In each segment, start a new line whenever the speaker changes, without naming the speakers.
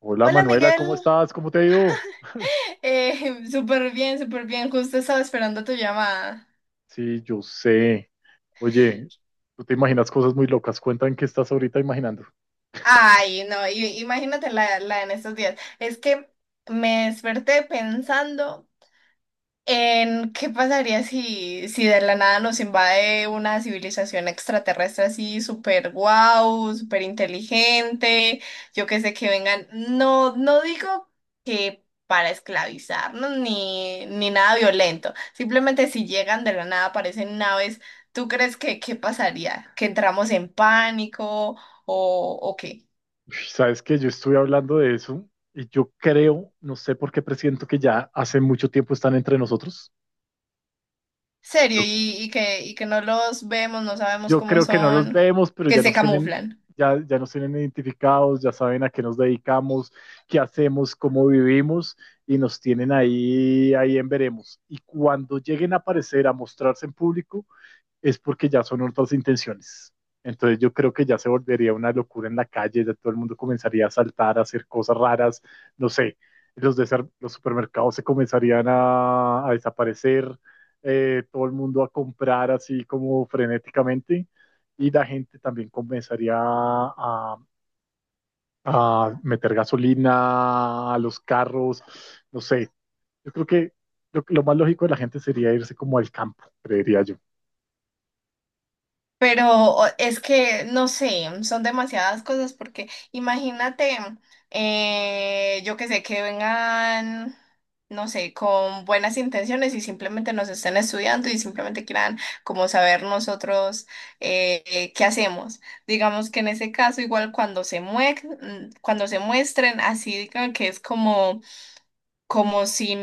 Hola
Hola
Manuela,
Miguel,
¿cómo estás? ¿Cómo te ha ido?
súper bien, justo estaba esperando tu llamada.
Sí, yo sé. Oye, tú te imaginas cosas muy locas. Cuéntame qué estás ahorita imaginando.
Ay, no, imagínate la en estos días. Es que me desperté pensando en qué pasaría si de la nada nos invade una civilización extraterrestre así súper guau, súper inteligente, yo que sé que vengan, no, no digo que para esclavizarnos ni nada violento, simplemente si llegan de la nada, aparecen naves, ¿tú crees que qué pasaría? ¿Que entramos en pánico o qué?
Uy, sabes que yo estuve hablando de eso y yo creo, no sé por qué presiento que ya hace mucho tiempo están entre nosotros.
¿Serio?
Yo,
Y que no los vemos, no sabemos
yo
cómo
creo que no los
son,
vemos, pero
que
ya
se
nos tienen.
camuflan.
Ya nos tienen identificados, ya saben a qué nos dedicamos, qué hacemos, cómo vivimos y nos tienen ahí en veremos. Y cuando lleguen a aparecer, a mostrarse en público, es porque ya son otras intenciones. Entonces yo creo que ya se volvería una locura en la calle, ya todo el mundo comenzaría a saltar, a hacer cosas raras, no sé, los, de los supermercados se comenzarían a desaparecer, todo el mundo a comprar así como frenéticamente y la gente también comenzaría a meter gasolina a los carros, no sé, yo creo que lo más lógico de la gente sería irse como al campo, creería yo.
Pero es que, no sé, son demasiadas cosas porque imagínate, yo que sé, que vengan, no sé, con buenas intenciones y simplemente nos estén estudiando y simplemente quieran como saber nosotros qué hacemos. Digamos que en ese caso, igual cuando cuando se muestren, así digan que es como como sin,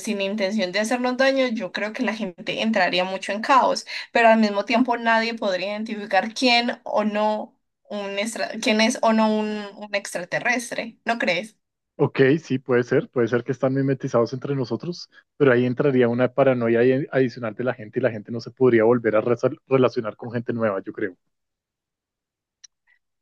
sin intención de hacernos daño, yo creo que la gente entraría mucho en caos, pero al mismo tiempo nadie podría identificar quién o no quién es o no un extraterrestre, ¿no crees?
Ok, sí, puede ser que están mimetizados entre nosotros, pero ahí entraría una paranoia ahí adicional de la gente y la gente no se podría volver a relacionar con gente nueva, yo creo.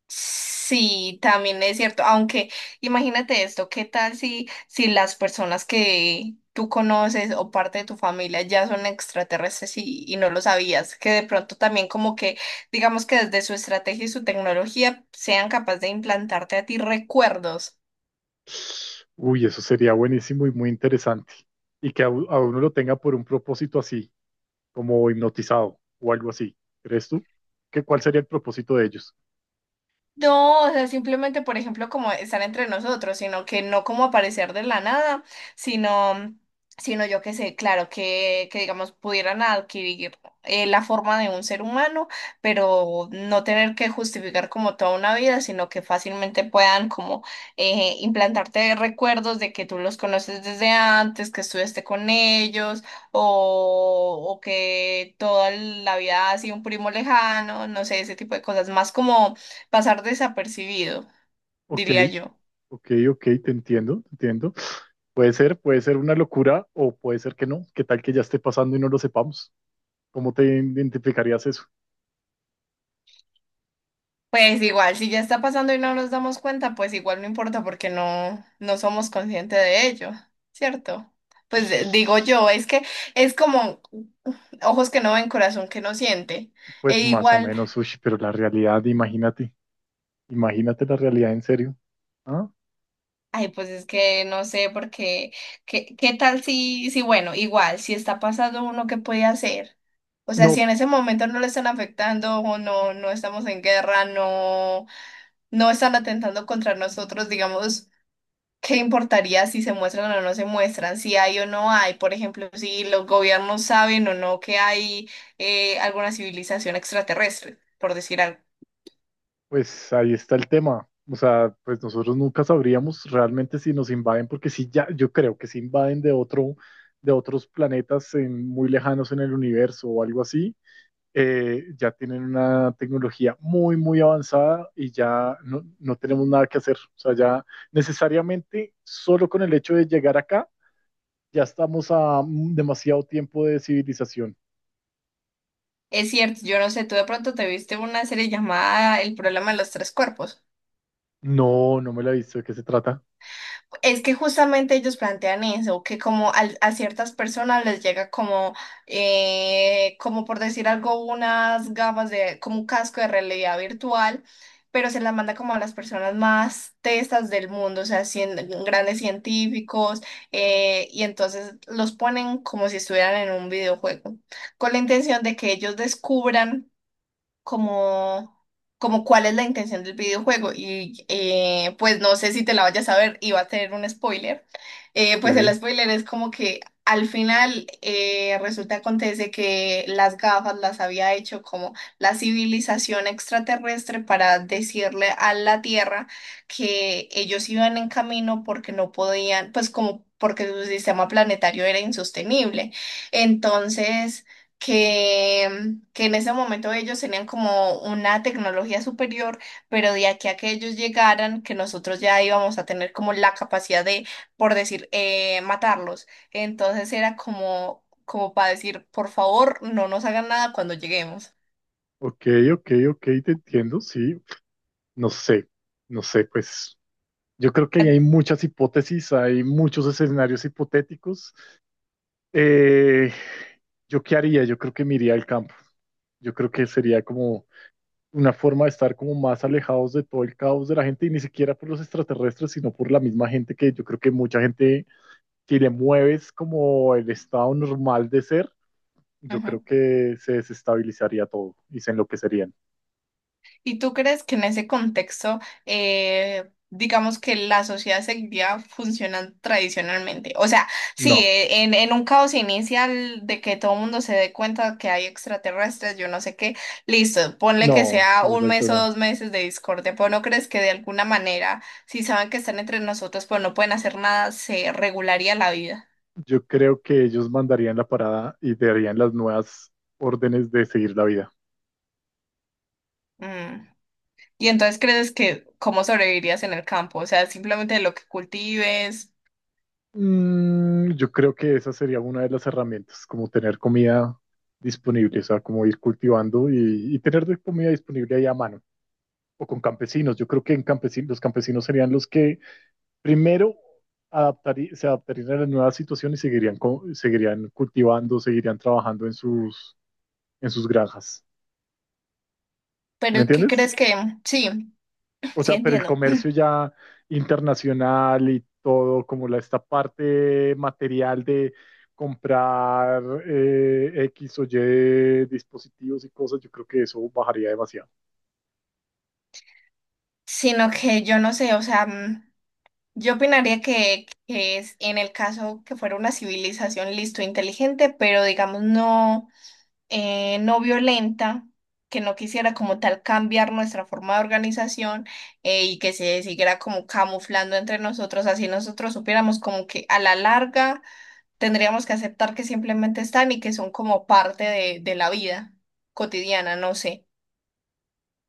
Sí, también es cierto, aunque imagínate esto, ¿qué tal si las personas que tú conoces o parte de tu familia ya son extraterrestres y no lo sabías? Que de pronto también como que, digamos que desde su estrategia y su tecnología sean capaces de implantarte a ti recuerdos.
Uy, eso sería buenísimo y muy interesante. Y que a uno lo tenga por un propósito así, como hipnotizado o algo así. ¿Crees tú? ¿ Cuál sería el propósito de ellos?
No, o sea, simplemente, por ejemplo, como estar entre nosotros, sino que no como aparecer de la nada, sino, sino yo que sé, claro, que digamos pudieran adquirir la forma de un ser humano, pero no tener que justificar como toda una vida, sino que fácilmente puedan como implantarte recuerdos de que tú los conoces desde antes, que estuviste con ellos, o que toda la vida ha sido un primo lejano, no sé, ese tipo de cosas, más como pasar desapercibido,
Ok,
diría yo.
ok, te entiendo, te entiendo. Puede ser una locura o puede ser que no. ¿Qué tal que ya esté pasando y no lo sepamos? ¿Cómo te identificarías eso?
Pues igual, si ya está pasando y no nos damos cuenta, pues igual no importa porque no, no somos conscientes de ello, ¿cierto? Pues digo yo, es que es como ojos que no ven, corazón que no siente. E
Pues más o
igual,
menos, uy, pero la realidad, imagínate, imagínate la realidad en serio. ¿Ah?
ay, pues es que no sé porque, ¿qué, qué tal si, si, bueno, igual, si está pasando uno, ¿qué puede hacer? O sea, si
No,
en ese momento no le están afectando o no, no estamos en guerra, no, no están atentando contra nosotros, digamos, ¿qué importaría si se muestran o no se muestran, si hay o no hay? Por ejemplo, si los gobiernos saben o no que hay alguna civilización extraterrestre, por decir algo.
pues ahí está el tema. O sea, pues nosotros nunca sabríamos realmente si nos invaden, porque si ya, yo creo que si invaden de otros planetas muy lejanos en el universo o algo así, ya tienen una tecnología muy, muy avanzada y ya no, no tenemos nada que hacer. O sea, ya necesariamente solo con el hecho de llegar acá, ya estamos a demasiado tiempo de civilización.
Es cierto, yo no sé, tú de pronto te viste una serie llamada El problema de los tres cuerpos.
No, no me la he visto. ¿De qué se trata?
Es que justamente ellos plantean eso, que como a ciertas personas les llega como, como por decir algo, unas gafas de, como un casco de realidad virtual, pero se las manda como a las personas más testas del mundo, o sea, grandes científicos, y entonces los ponen como si estuvieran en un videojuego, con la intención de que ellos descubran como, como cuál es la intención del videojuego. Y pues no sé si te la vayas a ver y va a tener un spoiler. Pues el
Eh,
spoiler es como que al final resulta acontece que las gafas las había hecho como la civilización extraterrestre para decirle a la Tierra que ellos iban en camino porque no podían, pues como porque su sistema planetario era insostenible. Entonces que, que en ese momento ellos tenían como una tecnología superior, pero de aquí a que ellos llegaran, que nosotros ya íbamos a tener como la capacidad de, por decir, matarlos. Entonces era como, como para decir, por favor, no nos hagan nada cuando lleguemos.
ok, ok, te entiendo. Sí, no sé, no sé, pues yo creo que ahí
Ah,
hay muchas hipótesis, hay muchos escenarios hipotéticos. Eh, ¿Yo qué haría? Yo creo que me iría al campo. Yo creo que sería como una forma de estar como más alejados de todo el caos de la gente y ni siquiera por los extraterrestres, sino por la misma gente, que yo creo que mucha gente que le mueves como el estado normal de ser, yo creo
Ujú.
que se desestabilizaría todo y se enloquecerían.
¿Y tú crees que en ese contexto, digamos que la sociedad seguiría funcionando tradicionalmente? O sea, sí,
No,
en un caos inicial de que todo el mundo se dé cuenta que hay extraterrestres, yo no sé qué, listo, ponle que
no,
sea
sí,
un
exacto,
mes o
no.
dos meses de discordia, pero ¿no crees que de alguna manera, si saben que están entre nosotros, pero no pueden hacer nada, se regularía la vida?
Yo creo que ellos mandarían la parada y darían las nuevas órdenes de seguir la vida.
Mm. Y entonces crees que cómo sobrevivirías en el campo, o sea, simplemente lo que cultives.
Mm, yo creo que esa sería una de las herramientas, como tener comida disponible, o sea, como ir cultivando y tener de comida disponible ahí a mano, o con campesinos. Yo creo que en campesinos, los campesinos serían los que primero se adaptarían a la nueva situación y seguirían, seguirían cultivando, seguirían trabajando en sus granjas. ¿Sí? ¿Me
Pero ¿qué
entiendes?
crees que? Sí,
O
sí
sea, pero el
entiendo.
comercio ya internacional y todo, como esta parte material de comprar, X o Y dispositivos y cosas, yo creo que eso bajaría demasiado.
Sino que yo no sé, o sea, yo opinaría que es en el caso que fuera una civilización listo, inteligente, pero digamos no, no violenta, que no quisiera como tal cambiar nuestra forma de organización y que se siguiera como camuflando entre nosotros, así nosotros supiéramos como que a la larga tendríamos que aceptar que simplemente están y que son como parte de la vida cotidiana, no sé.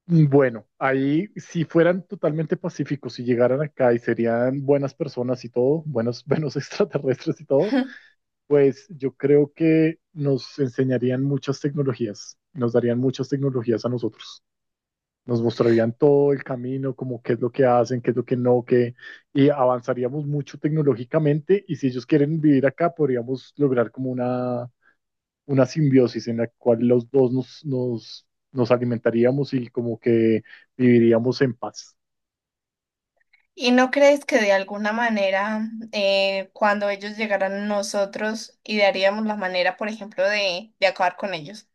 Bueno, ahí si fueran totalmente pacíficos y llegaran acá y serían buenas personas y todo, buenos, buenos extraterrestres y todo, pues yo creo que nos enseñarían muchas tecnologías, nos darían muchas tecnologías a nosotros, nos mostrarían todo el camino, como qué es lo que hacen, qué es lo que no, qué, y avanzaríamos mucho tecnológicamente, y si ellos quieren vivir acá podríamos lograr como una simbiosis en la cual los dos nos alimentaríamos y como que viviríamos en paz.
¿Y no crees que de alguna manera, cuando ellos llegaran a nosotros, idearíamos la manera, por ejemplo, de acabar con ellos?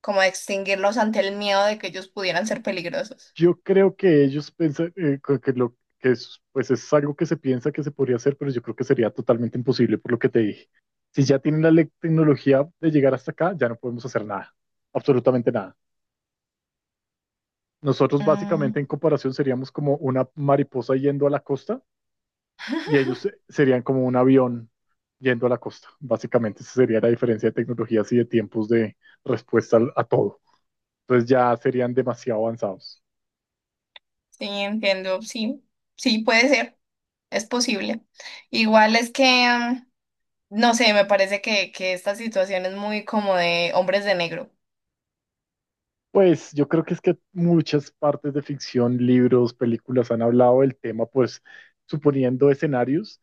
Como de extinguirlos ante el miedo de que ellos pudieran ser peligrosos.
Yo creo que ellos piensan que lo que es, pues es algo que se piensa que se podría hacer, pero yo creo que sería totalmente imposible por lo que te dije. Si ya tienen la tecnología de llegar hasta acá, ya no podemos hacer nada, absolutamente nada. Nosotros básicamente
Mm,
en comparación seríamos como una mariposa yendo a la costa, y ellos serían como un avión yendo a la costa. Básicamente esa sería la diferencia de tecnologías y de tiempos de respuesta a todo. Entonces ya serían demasiado avanzados.
sí, entiendo, sí, sí, puede ser, es posible. Igual es que, no sé, me parece que esta situación es muy como de Hombres de Negro.
Pues yo creo que es que muchas partes de ficción, libros, películas han hablado del tema, pues suponiendo escenarios,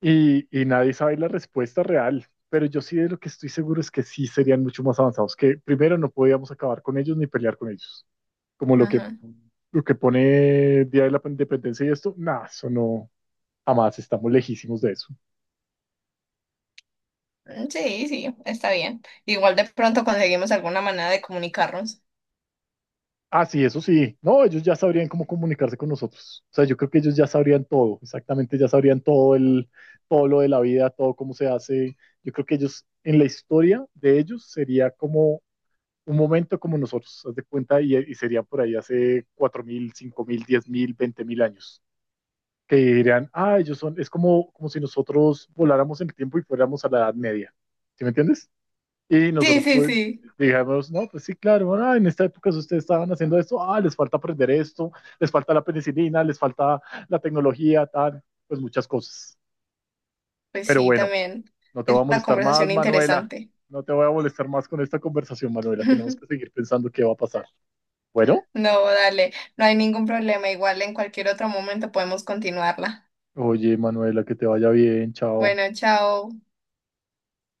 y nadie sabe la respuesta real. Pero yo sí de lo que estoy seguro es que sí serían mucho más avanzados, que primero no podíamos acabar con ellos ni pelear con ellos. Como
Ajá.
lo que pone Día de la Independencia y esto, nada, eso no, jamás, estamos lejísimos de eso.
Sí, sí, está bien. Igual de pronto conseguimos alguna manera de comunicarnos.
Ah, sí, eso sí. No, ellos ya sabrían cómo comunicarse con nosotros. O sea, yo creo que ellos ya sabrían todo, exactamente, ya sabrían todo lo de la vida, todo cómo se hace. Yo creo que ellos, en la historia de ellos, sería como un momento como nosotros, haz de cuenta, y sería por ahí hace 4.000, 1.000, 5.000, 10.000, 20.000 años, que dirían, ah, ellos son, es como, como si nosotros voláramos en el tiempo y fuéramos a la Edad Media. ¿Sí me entiendes? Y
Sí,
nosotros
sí,
pues,
sí.
dijimos, no, pues sí, claro, bueno, en esta época si ustedes estaban haciendo esto, ah, les falta aprender esto, les falta la penicilina, les falta la tecnología, tal, pues muchas cosas.
Pues
Pero
sí,
bueno,
también
no te voy a
es una
molestar
conversación
más, Manuela.
interesante.
No te voy a molestar más con esta conversación, Manuela. Tenemos que seguir pensando qué va a pasar. Bueno,
No, dale, no hay ningún problema. Igual en cualquier otro momento podemos continuarla.
oye, Manuela, que te vaya bien, chao.
Bueno, chao.